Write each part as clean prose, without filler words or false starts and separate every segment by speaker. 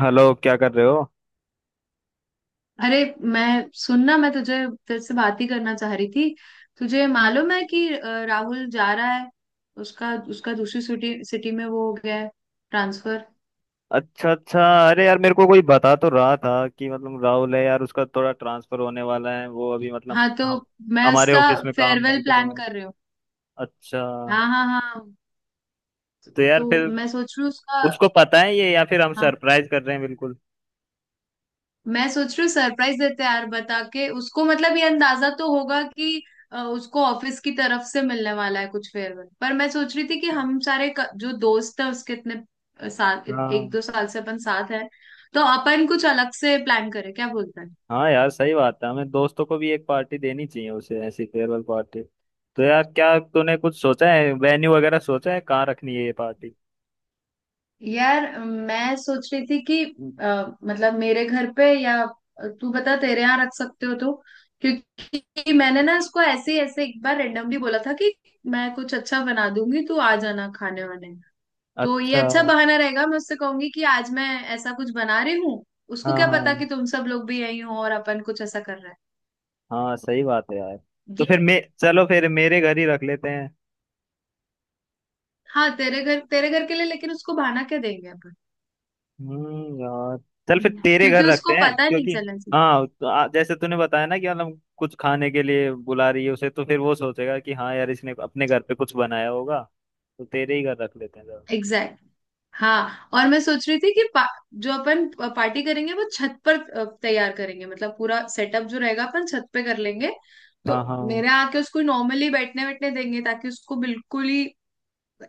Speaker 1: Hello, क्या कर रहे हो।
Speaker 2: अरे, मैं तुझे तेरे से बात ही करना चाह रही थी। तुझे मालूम है कि राहुल जा रहा है। उसका उसका दूसरी सिटी सिटी में वो हो गया है, ट्रांसफर।
Speaker 1: अच्छा, अच्छा। अरे यार, मेरे को कोई बता तो रहा था कि मतलब राहुल है यार, उसका थोड़ा ट्रांसफर होने वाला है। वो अभी मतलब
Speaker 2: हाँ तो
Speaker 1: हम
Speaker 2: मैं
Speaker 1: हमारे
Speaker 2: उसका
Speaker 1: ऑफिस में काम नहीं
Speaker 2: फेयरवेल
Speaker 1: कर रहा
Speaker 2: प्लान
Speaker 1: है।
Speaker 2: कर रही हूँ।
Speaker 1: अच्छा।
Speaker 2: हाँ हाँ हाँ।
Speaker 1: तो यार
Speaker 2: तो
Speaker 1: फिर
Speaker 2: मैं सोच रही हूँ उसका।
Speaker 1: उसको पता है ये या फिर हम
Speaker 2: हाँ,
Speaker 1: सरप्राइज कर रहे हैं। बिल्कुल।
Speaker 2: मैं सोच रही हूँ सरप्राइज देते हैं यार, बता के उसको मतलब ये अंदाजा तो होगा कि उसको ऑफिस की तरफ से मिलने वाला है कुछ फेयरवेल पर। मैं सोच रही थी कि हम सारे जो दोस्त है उसके, इतने साल एक
Speaker 1: हाँ।
Speaker 2: दो साल से अपन साथ हैं तो अपन कुछ अलग से प्लान करें, क्या बोलते हैं।
Speaker 1: हाँ यार, सही बात है, हमें दोस्तों को भी एक पार्टी देनी चाहिए उसे, ऐसी फेयरवेल पार्टी। तो यार, क्या तूने कुछ सोचा है, वेन्यू वगैरह सोचा है, कहाँ रखनी है ये पार्टी।
Speaker 2: यार, मैं सोच रही थी कि मतलब मेरे घर पे या तू बता तेरे यहाँ रख सकते हो तो। क्योंकि मैंने ना इसको ऐसे ही ऐसे एक बार रेंडमली बोला था कि मैं कुछ अच्छा बना दूंगी, तू आ जाना खाने वाने। तो ये
Speaker 1: अच्छा।
Speaker 2: अच्छा बहाना रहेगा, मैं उससे कहूंगी कि आज मैं ऐसा कुछ बना रही हूँ। उसको
Speaker 1: हाँ
Speaker 2: क्या
Speaker 1: हाँ
Speaker 2: पता कि तुम सब लोग भी यही हो और अपन कुछ ऐसा कर रहा है
Speaker 1: हाँ, सही बात है यार। तो फिर
Speaker 2: ये।
Speaker 1: मैं, चलो फिर मेरे घर ही रख लेते हैं।
Speaker 2: हाँ, तेरे घर के लिए, लेकिन उसको बहाना क्या देंगे अपन।
Speaker 1: यार, चल फिर
Speaker 2: हम्म।
Speaker 1: तेरे
Speaker 2: क्योंकि
Speaker 1: घर रखते
Speaker 2: उसको
Speaker 1: हैं
Speaker 2: पता नहीं
Speaker 1: क्योंकि।
Speaker 2: चलना चाहिए।
Speaker 1: हाँ, तो जैसे तूने बताया ना कि मतलब कुछ खाने के लिए बुला रही है उसे, तो फिर वो सोचेगा कि हाँ यार इसने अपने घर पे कुछ बनाया होगा। तो तेरे ही घर रख लेते हैं जरा।
Speaker 2: एग्जैक्ट। हाँ और मैं सोच रही थी कि जो अपन पार्टी करेंगे वो छत पर तैयार करेंगे, मतलब पूरा सेटअप जो रहेगा अपन छत पे कर लेंगे। तो
Speaker 1: हाँ। हाँ।
Speaker 2: मेरे यहाँ आके उसको नॉर्मली बैठने बैठने देंगे ताकि उसको बिल्कुल ही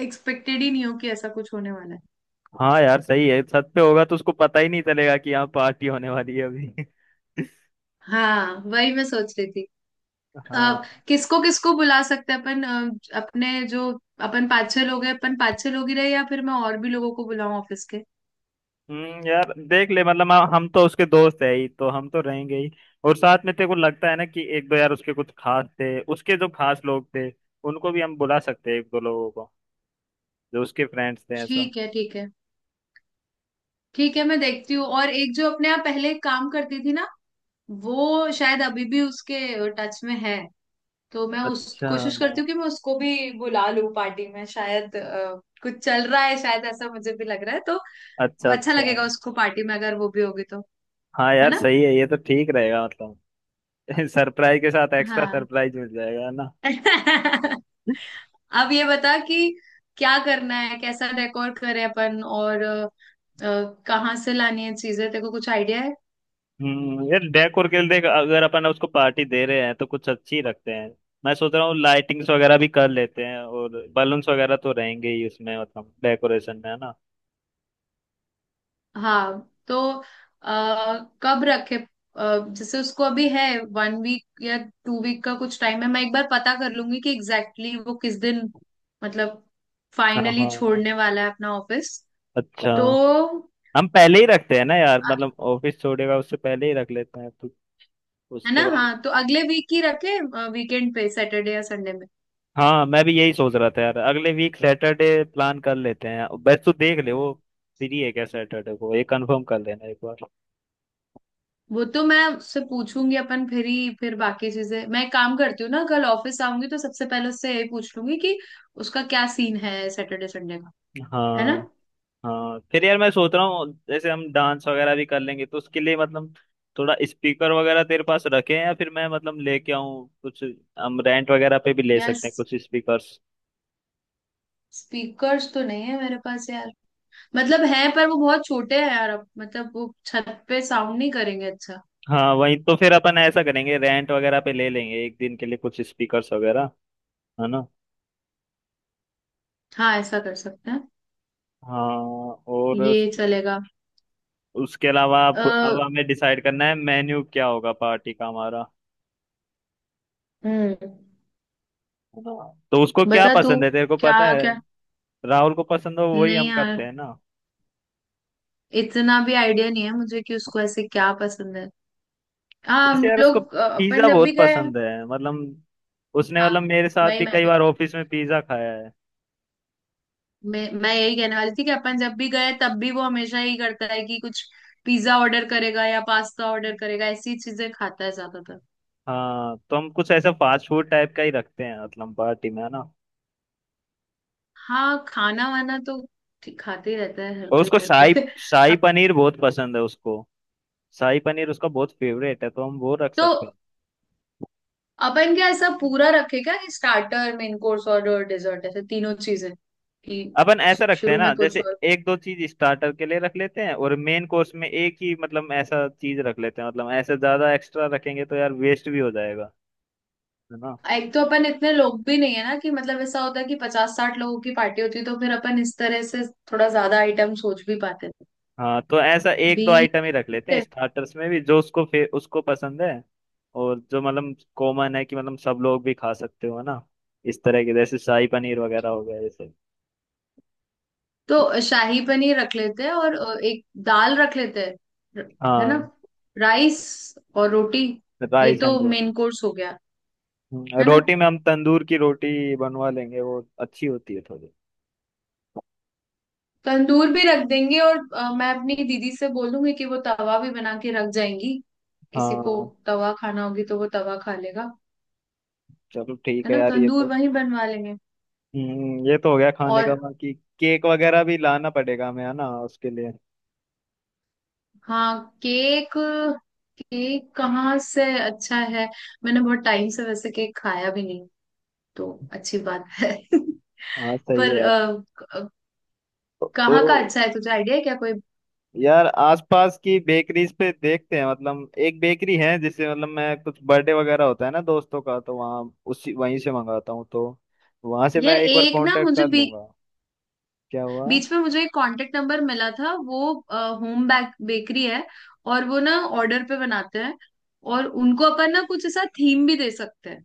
Speaker 2: एक्सपेक्टेड ही नहीं हो कि ऐसा कुछ होने वाला है।
Speaker 1: हाँ यार, सही है, छत पे होगा तो उसको पता ही नहीं चलेगा कि यहाँ पार्टी होने वाली है अभी।
Speaker 2: हाँ, वही मैं सोच रही थी। अ,
Speaker 1: हाँ।
Speaker 2: किसको किसको बुला सकते हैं अपन, अपने जो, अपन पाँच छह लोग हैं, अपन पाँच छह लोग ही रहे या फिर मैं और भी लोगों को बुलाऊं ऑफिस के।
Speaker 1: यार, देख ले, मतलब हम तो उसके दोस्त है ही, तो हम तो रहेंगे ही। और साथ में तेरे को लगता है ना कि एक दो यार उसके कुछ खास थे, उसके जो खास लोग थे, उनको भी हम बुला सकते हैं एक दो लोगों को, जो उसके फ्रेंड्स थे ऐसा।
Speaker 2: ठीक है, ठीक है। ठीक है, मैं देखती हूँ। और एक जो अपने यहाँ पहले काम करती थी ना, वो शायद अभी भी उसके टच में है। तो मैं उस
Speaker 1: अच्छा,
Speaker 2: कोशिश करती
Speaker 1: हाँ।
Speaker 2: हूँ कि मैं उसको भी बुला लूँ पार्टी में, शायद कुछ चल रहा है शायद, ऐसा मुझे भी लग रहा है तो।
Speaker 1: अच्छा
Speaker 2: अच्छा
Speaker 1: अच्छा।
Speaker 2: लगेगा उसको पार्टी में अगर वो भी होगी तो,
Speaker 1: हाँ
Speaker 2: है
Speaker 1: यार,
Speaker 2: ना।
Speaker 1: सही है ये, तो ठीक रहेगा मतलब। सरप्राइज के साथ एक्स्ट्रा
Speaker 2: हाँ।
Speaker 1: सरप्राइज मिल जाएगा, है ना।
Speaker 2: अब ये बता कि क्या करना है, कैसा डेकोर करें अपन और कहाँ से लानी है चीजें, तेरे को कुछ आइडिया है।
Speaker 1: यार, डेकोर के लिए देख, अगर अपन उसको पार्टी दे रहे हैं तो कुछ अच्छी रखते हैं। मैं सोच रहा हूँ लाइटिंग्स वगैरह भी कर लेते हैं, और बलून्स वगैरह तो रहेंगे ही उसमें, मतलब डेकोरेशन में, है ना।
Speaker 2: हाँ तो कब रखे, जैसे उसको अभी है 1 वीक या 2 वीक का कुछ टाइम है। मैं एक बार पता कर लूंगी कि एग्जैक्टली वो किस दिन मतलब
Speaker 1: हाँ
Speaker 2: फाइनली
Speaker 1: हाँ।
Speaker 2: छोड़ने वाला है अपना ऑफिस।
Speaker 1: अच्छा।
Speaker 2: तो
Speaker 1: हम पहले ही रखते हैं ना यार, मतलब
Speaker 2: अ,
Speaker 1: ऑफिस छोड़ेगा उससे पहले ही रख लेते हैं तो।
Speaker 2: है ना।
Speaker 1: उसके बाद।
Speaker 2: हाँ तो अगले वीक ही रखे, वीकेंड पे, सैटरडे या संडे।
Speaker 1: हाँ, मैं भी यही सोच रहा था यार, अगले वीक सैटरडे प्लान कर लेते हैं। बस तू देख ले वो फ्री है क्या सैटरडे को, ये कंफर्म कर लेना एक बार।
Speaker 2: वो तो मैं उससे पूछूंगी अपन, फिर ही फिर बाकी चीजें। मैं एक काम करती हूँ ना, कल ऑफिस आऊंगी तो सबसे पहले उससे यही पूछ लूंगी कि उसका क्या सीन है सैटरडे संडे का, है ना।
Speaker 1: हाँ। हाँ फिर यार, मैं सोच रहा हूँ जैसे हम डांस वगैरह भी कर लेंगे तो उसके लिए मतलब थोड़ा स्पीकर वगैरह तेरे पास रखे हैं या फिर मैं मतलब लेके आऊँ कुछ। हम रेंट वगैरह पे भी ले
Speaker 2: यार,
Speaker 1: सकते हैं कुछ स्पीकर्स।
Speaker 2: स्पीकर्स तो नहीं है मेरे पास यार। मतलब है पर वो बहुत छोटे हैं यार, अब मतलब वो छत पे साउंड नहीं करेंगे अच्छा।
Speaker 1: हाँ वही, तो फिर अपन ऐसा करेंगे, रेंट वगैरह पे ले लेंगे एक दिन के लिए कुछ स्पीकर्स वगैरह, है ना।
Speaker 2: हाँ, ऐसा कर सकते हैं।
Speaker 1: हाँ। और
Speaker 2: ये चलेगा।
Speaker 1: उसके अलावा अब
Speaker 2: अः
Speaker 1: अब हमें डिसाइड करना है मेन्यू क्या होगा पार्टी का हमारा,
Speaker 2: हम्म
Speaker 1: है ना। तो उसको क्या
Speaker 2: बता तू
Speaker 1: पसंद है, तेरे को
Speaker 2: क्या
Speaker 1: पता है।
Speaker 2: क्या।
Speaker 1: राहुल को पसंद हो वही
Speaker 2: नहीं
Speaker 1: हम
Speaker 2: यार,
Speaker 1: करते हैं ना।
Speaker 2: इतना भी आइडिया नहीं है मुझे कि उसको ऐसे क्या पसंद है। हाँ,
Speaker 1: वैसे
Speaker 2: हम
Speaker 1: यार उसको
Speaker 2: लोग अपन
Speaker 1: पिज्जा
Speaker 2: जब भी
Speaker 1: बहुत
Speaker 2: गए।
Speaker 1: पसंद है, मतलब उसने
Speaker 2: हाँ,
Speaker 1: मतलब मेरे साथ
Speaker 2: भाई,
Speaker 1: भी
Speaker 2: मैं
Speaker 1: कई
Speaker 2: भी
Speaker 1: बार ऑफिस में पिज्जा खाया है।
Speaker 2: मैं यही कहने वाली थी कि अपन जब भी गए, तब भी वो हमेशा यही करता है कि कुछ पिज्जा ऑर्डर करेगा या पास्ता ऑर्डर करेगा, ऐसी चीजें खाता है ज्यादातर।
Speaker 1: हाँ, तो हम कुछ ऐसा फास्ट फूड टाइप का ही रखते हैं मतलब पार्टी में, है ना।
Speaker 2: हाँ, खाना वाना तो खाते ही रहता है हर
Speaker 1: और
Speaker 2: कोई
Speaker 1: उसको
Speaker 2: घर पे।
Speaker 1: शाही शाही
Speaker 2: अपन
Speaker 1: पनीर बहुत पसंद है उसको, शाही पनीर उसका बहुत फेवरेट है, तो हम वो रख
Speaker 2: तो
Speaker 1: सकते हैं।
Speaker 2: अपन क्या ऐसा पूरा रखे क्या कि स्टार्टर, मेन कोर्स और डेजर्ट, ऐसे तीनों चीजें कि
Speaker 1: अपन ऐसा रखते हैं
Speaker 2: शुरू
Speaker 1: ना,
Speaker 2: में
Speaker 1: जैसे
Speaker 2: कुछ।
Speaker 1: एक दो चीज स्टार्टर के लिए रख लेते हैं और मेन कोर्स में एक ही, मतलब ऐसा चीज रख लेते हैं, मतलब ऐसे ज्यादा एक्स्ट्रा रखेंगे तो यार वेस्ट भी हो जाएगा, है ना।
Speaker 2: एक तो अपन इतने लोग भी नहीं है ना कि मतलब ऐसा होता है कि पचास साठ लोगों की पार्टी होती है तो फिर अपन इस तरह से थोड़ा ज्यादा आइटम सोच भी पाते हैं।
Speaker 1: हाँ, तो ऐसा एक
Speaker 2: भी
Speaker 1: दो आइटम ही रख लेते हैं
Speaker 2: कितने?
Speaker 1: स्टार्टर्स में भी, जो उसको उसको पसंद है, और जो मतलब कॉमन है कि मतलब सब लोग भी खा सकते हो ना, इस तरह के, जैसे शाही पनीर वगैरह हो गया जैसे।
Speaker 2: तो शाही पनीर रख लेते हैं और एक दाल रख लेते हैं। र- है ना,
Speaker 1: हाँ।
Speaker 2: राइस और रोटी। ये
Speaker 1: राइस
Speaker 2: तो
Speaker 1: एंड रोटी।
Speaker 2: मेन कोर्स हो गया। है ना,
Speaker 1: रोटी में हम तंदूर की रोटी बनवा लेंगे, वो अच्छी होती है थोड़ी।
Speaker 2: तंदूर भी रख देंगे और मैं अपनी दीदी से बोलूंगी कि वो तवा भी बना के रख जाएंगी। किसी को
Speaker 1: हाँ।
Speaker 2: तवा खाना होगी तो वो तवा खा लेगा।
Speaker 1: चलो ठीक
Speaker 2: है
Speaker 1: है
Speaker 2: ना,
Speaker 1: यार, ये
Speaker 2: तंदूर
Speaker 1: तो।
Speaker 2: वहीं बनवा लेंगे।
Speaker 1: हम्म, ये तो हो गया खाने का,
Speaker 2: और
Speaker 1: बाकी केक वगैरह भी लाना पड़ेगा हमें, है ना उसके लिए।
Speaker 2: हाँ, केक। केक कहाँ से अच्छा है। मैंने बहुत टाइम से वैसे केक खाया भी नहीं तो अच्छी बात है।
Speaker 1: हाँ सही है
Speaker 2: पर
Speaker 1: यार।
Speaker 2: क-
Speaker 1: तो
Speaker 2: कहाँ का अच्छा है, तुझे आइडिया है क्या कोई।
Speaker 1: यार आसपास की बेकरीज पे देखते हैं, मतलब एक बेकरी है जिससे मतलब मैं, कुछ बर्थडे वगैरह होता है ना दोस्तों का तो वहाँ, उसी वहीं से मंगाता हूँ, तो वहां से मैं
Speaker 2: यार,
Speaker 1: एक बार
Speaker 2: एक ना
Speaker 1: कांटेक्ट
Speaker 2: मुझे
Speaker 1: कर लूंगा। क्या हुआ।
Speaker 2: बीच में मुझे एक कांटेक्ट नंबर मिला था, वो होम बेक बेकरी है। और वो ना ऑर्डर पे बनाते हैं। और उनको अपन ना कुछ ऐसा थीम भी दे सकते हैं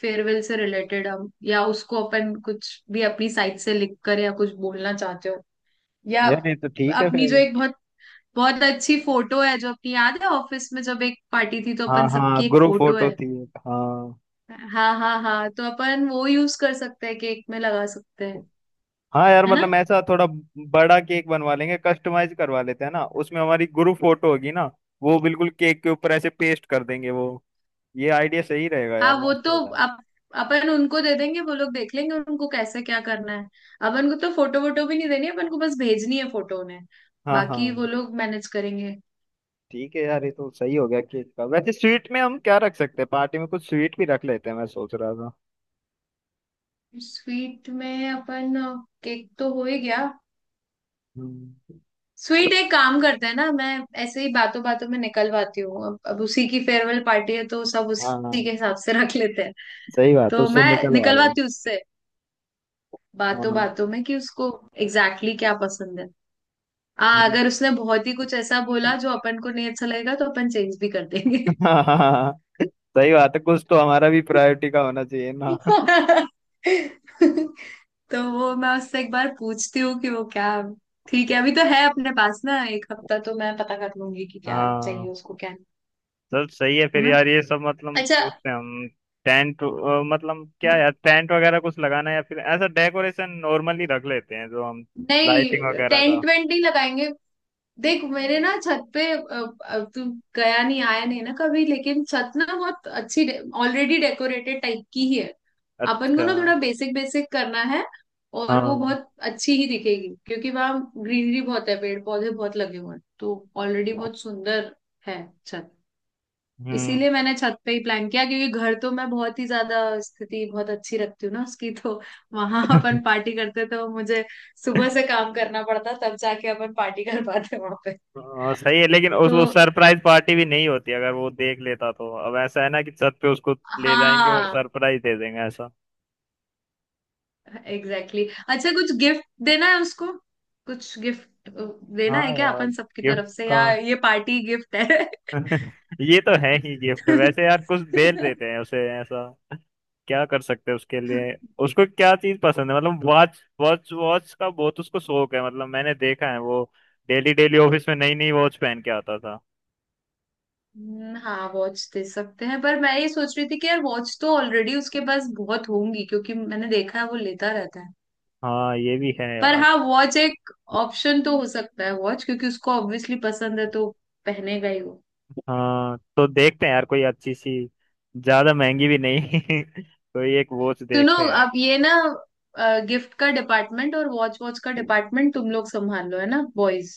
Speaker 2: फेयरवेल से रिलेटेड, हम या उसको अपन कुछ भी अपनी साइड से लिख कर या कुछ बोलना चाहते हो, या
Speaker 1: यार ये तो ठीक है
Speaker 2: अपनी
Speaker 1: फिर।
Speaker 2: जो एक बहुत बहुत अच्छी फोटो है जो अपनी याद है, ऑफिस में जब एक पार्टी थी तो
Speaker 1: हाँ
Speaker 2: अपन
Speaker 1: हाँ,
Speaker 2: सबकी एक
Speaker 1: ग्रुप
Speaker 2: फोटो
Speaker 1: फोटो
Speaker 2: है।
Speaker 1: थी एक, हाँ।
Speaker 2: हाँ हाँ हाँ, तो अपन वो यूज कर सकते हैं, केक में लगा सकते हैं।
Speaker 1: हाँ यार,
Speaker 2: है ना,
Speaker 1: मतलब ऐसा थोड़ा बड़ा केक बनवा लेंगे, कस्टमाइज करवा लेते हैं ना, उसमें हमारी ग्रुप फोटो होगी ना, वो बिल्कुल केक के ऊपर ऐसे पेस्ट कर देंगे वो। ये आइडिया सही रहेगा
Speaker 2: हाँ,
Speaker 1: यार,
Speaker 2: वो
Speaker 1: मस्त
Speaker 2: तो
Speaker 1: हो जाएगा।
Speaker 2: अपन उनको दे देंगे, वो लोग देख लेंगे उनको कैसे क्या करना है। अपन को तो फोटो वोटो भी नहीं देनी है, अपन को बस भेजनी है फोटो उन्हें,
Speaker 1: हाँ
Speaker 2: बाकी वो
Speaker 1: हाँ।
Speaker 2: लोग मैनेज करेंगे।
Speaker 1: ठीक है यार, ये तो सही हो गया केक का। वैसे स्वीट में हम क्या रख सकते हैं पार्टी में, कुछ स्वीट भी रख लेते हैं, मैं सोच रहा था।
Speaker 2: स्वीट में अपन, केक तो हो ही गया।
Speaker 1: हम्म।
Speaker 2: स्वीट, एक काम करते हैं ना, मैं ऐसे ही बातों बातों में निकलवाती हूँ, अब उसी की फेयरवेल पार्टी है तो सब
Speaker 1: हाँ, हाँ,
Speaker 2: उसी के हिसाब से रख लेते हैं।
Speaker 1: सही बात है,
Speaker 2: तो
Speaker 1: उससे
Speaker 2: मैं
Speaker 1: निकलवा रहा हूँ।
Speaker 2: निकलवाती हूँ उससे बातों
Speaker 1: हाँ।
Speaker 2: बातों में कि उसको एग्जैक्टली क्या पसंद है। अगर उसने बहुत ही कुछ ऐसा बोला जो अपन को नहीं अच्छा लगेगा तो अपन चेंज भी कर देंगे।
Speaker 1: हाँ, हाँ, सही बात है, कुछ तो हमारा भी प्रायोरिटी का होना चाहिए ना।
Speaker 2: तो वो मैं उससे एक बार पूछती हूँ कि वो क्या। ठीक है, अभी तो है अपने पास ना एक हफ्ता, तो मैं पता कर लूंगी कि क्या चाहिए
Speaker 1: हाँ।
Speaker 2: उसको क्या नहीं,
Speaker 1: चल सही है
Speaker 2: है
Speaker 1: फिर
Speaker 2: ना।
Speaker 1: यार, ये सब मतलब
Speaker 2: अच्छा
Speaker 1: पूछते हैं हम। टेंट, मतलब क्या यार, टेंट वगैरह कुछ लगाना है या फिर ऐसा डेकोरेशन नॉर्मली रख लेते हैं जो हम,
Speaker 2: नहीं,
Speaker 1: लाइटिंग वगैरह
Speaker 2: टेन
Speaker 1: का।
Speaker 2: ट्वेंटी लगाएंगे। देख, मेरे ना छत पे, अब तू गया नहीं आया नहीं ना कभी, लेकिन छत ना बहुत अच्छी ऑलरेडी डेकोरेटेड टाइप की ही है। अपन को
Speaker 1: अच्छा।
Speaker 2: ना थोड़ा बेसिक बेसिक करना है। और वो
Speaker 1: हाँ।
Speaker 2: बहुत अच्छी ही दिखेगी क्योंकि वहाँ ग्रीनरी बहुत है, पेड़ पौधे बहुत लगे हुए हैं तो ऑलरेडी बहुत सुंदर है छत।
Speaker 1: हम्म।
Speaker 2: इसीलिए मैंने छत पे ही प्लान किया, क्योंकि घर तो मैं बहुत ही ज्यादा स्थिति बहुत अच्छी रखती हूँ ना उसकी, तो वहां अपन पार्टी करते तो मुझे सुबह से काम करना पड़ता तब जाके अपन पार्टी कर पाते वहां पे
Speaker 1: हाँ सही है, लेकिन उस
Speaker 2: तो।
Speaker 1: वो सरप्राइज पार्टी भी नहीं होती अगर वो देख लेता तो। अब ऐसा है ना कि छत पे उसको ले जाएंगे और
Speaker 2: हाँ,
Speaker 1: सरप्राइज दे देंगे ऐसा।
Speaker 2: एग्जैक्टली. अच्छा, कुछ गिफ्ट देना है उसको, कुछ गिफ्ट देना
Speaker 1: हाँ
Speaker 2: है क्या
Speaker 1: यार,
Speaker 2: अपन सबकी
Speaker 1: गिफ्ट
Speaker 2: तरफ से
Speaker 1: का
Speaker 2: या ये पार्टी गिफ्ट है।
Speaker 1: ये तो है ही गिफ्ट। वैसे यार कुछ दे देते हैं उसे, ऐसा क्या कर सकते हैं उसके लिए। उसको क्या चीज पसंद है, मतलब वॉच वॉच वॉच का बहुत उसको शौक है, मतलब मैंने देखा है वो डेली डेली ऑफिस में नई नई वॉच पहन के आता था।
Speaker 2: हाँ, वॉच दे सकते हैं, पर मैं ये सोच रही थी कि यार वॉच तो ऑलरेडी उसके पास बहुत होंगी क्योंकि मैंने देखा है वो लेता रहता है।
Speaker 1: हाँ ये भी है
Speaker 2: पर
Speaker 1: यार।
Speaker 2: हाँ, वॉच एक ऑप्शन तो हो सकता है, वॉच क्योंकि उसको ऑब्वियसली पसंद है तो पहनेगा ही वो।
Speaker 1: हाँ तो देखते हैं यार कोई अच्छी सी, ज्यादा महंगी भी नहीं कोई एक वॉच
Speaker 2: सुनो,
Speaker 1: देखते हैं।
Speaker 2: अब ये ना गिफ्ट का डिपार्टमेंट और वॉच वॉच का डिपार्टमेंट तुम लोग संभाल लो, है ना बॉयज।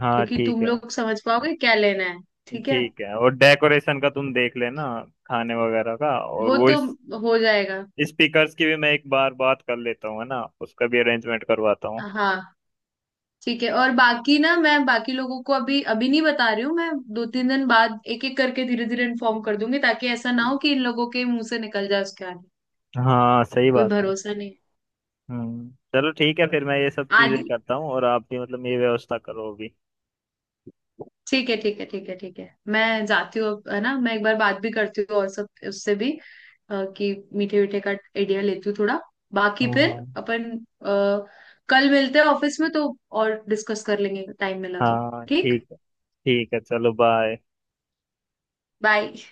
Speaker 1: हाँ
Speaker 2: क्योंकि
Speaker 1: ठीक
Speaker 2: तुम
Speaker 1: है।
Speaker 2: लोग समझ पाओगे क्या लेना है। ठीक है,
Speaker 1: ठीक है, और डेकोरेशन का तुम देख लेना, खाने वगैरह का, और
Speaker 2: वो
Speaker 1: वो
Speaker 2: तो
Speaker 1: इस
Speaker 2: हो जाएगा।
Speaker 1: स्पीकर्स की भी मैं एक बार बात कर लेता हूँ, है ना, उसका भी अरेंजमेंट करवाता हूँ।
Speaker 2: हाँ ठीक है, और बाकी ना, मैं बाकी लोगों को अभी अभी नहीं बता रही हूँ, मैं दो तीन दिन बाद एक एक करके धीरे धीरे इन्फॉर्म कर दूंगी, ताकि ऐसा ना हो कि इन लोगों के मुंह से निकल जाए उसके आगे,
Speaker 1: हाँ सही
Speaker 2: कोई
Speaker 1: बात है।
Speaker 2: भरोसा नहीं।
Speaker 1: हम्म। चलो ठीक है फिर, मैं ये सब चीजें
Speaker 2: आदि,
Speaker 1: करता हूँ और आप भी मतलब ये व्यवस्था करो अभी।
Speaker 2: ठीक है ठीक है ठीक है ठीक है, मैं जाती हूँ अब, है ना। मैं एक बार बात भी करती हूँ और सब उससे भी, कि मीठे मीठे का आइडिया लेती हूँ थोड़ा, बाकी फिर
Speaker 1: हाँ
Speaker 2: अपन कल मिलते हैं ऑफिस में, तो और डिस्कस कर लेंगे टाइम मिला तो
Speaker 1: हाँ। हाँ
Speaker 2: ठीक।
Speaker 1: ठीक है, ठीक है, चलो बाय।
Speaker 2: बाय।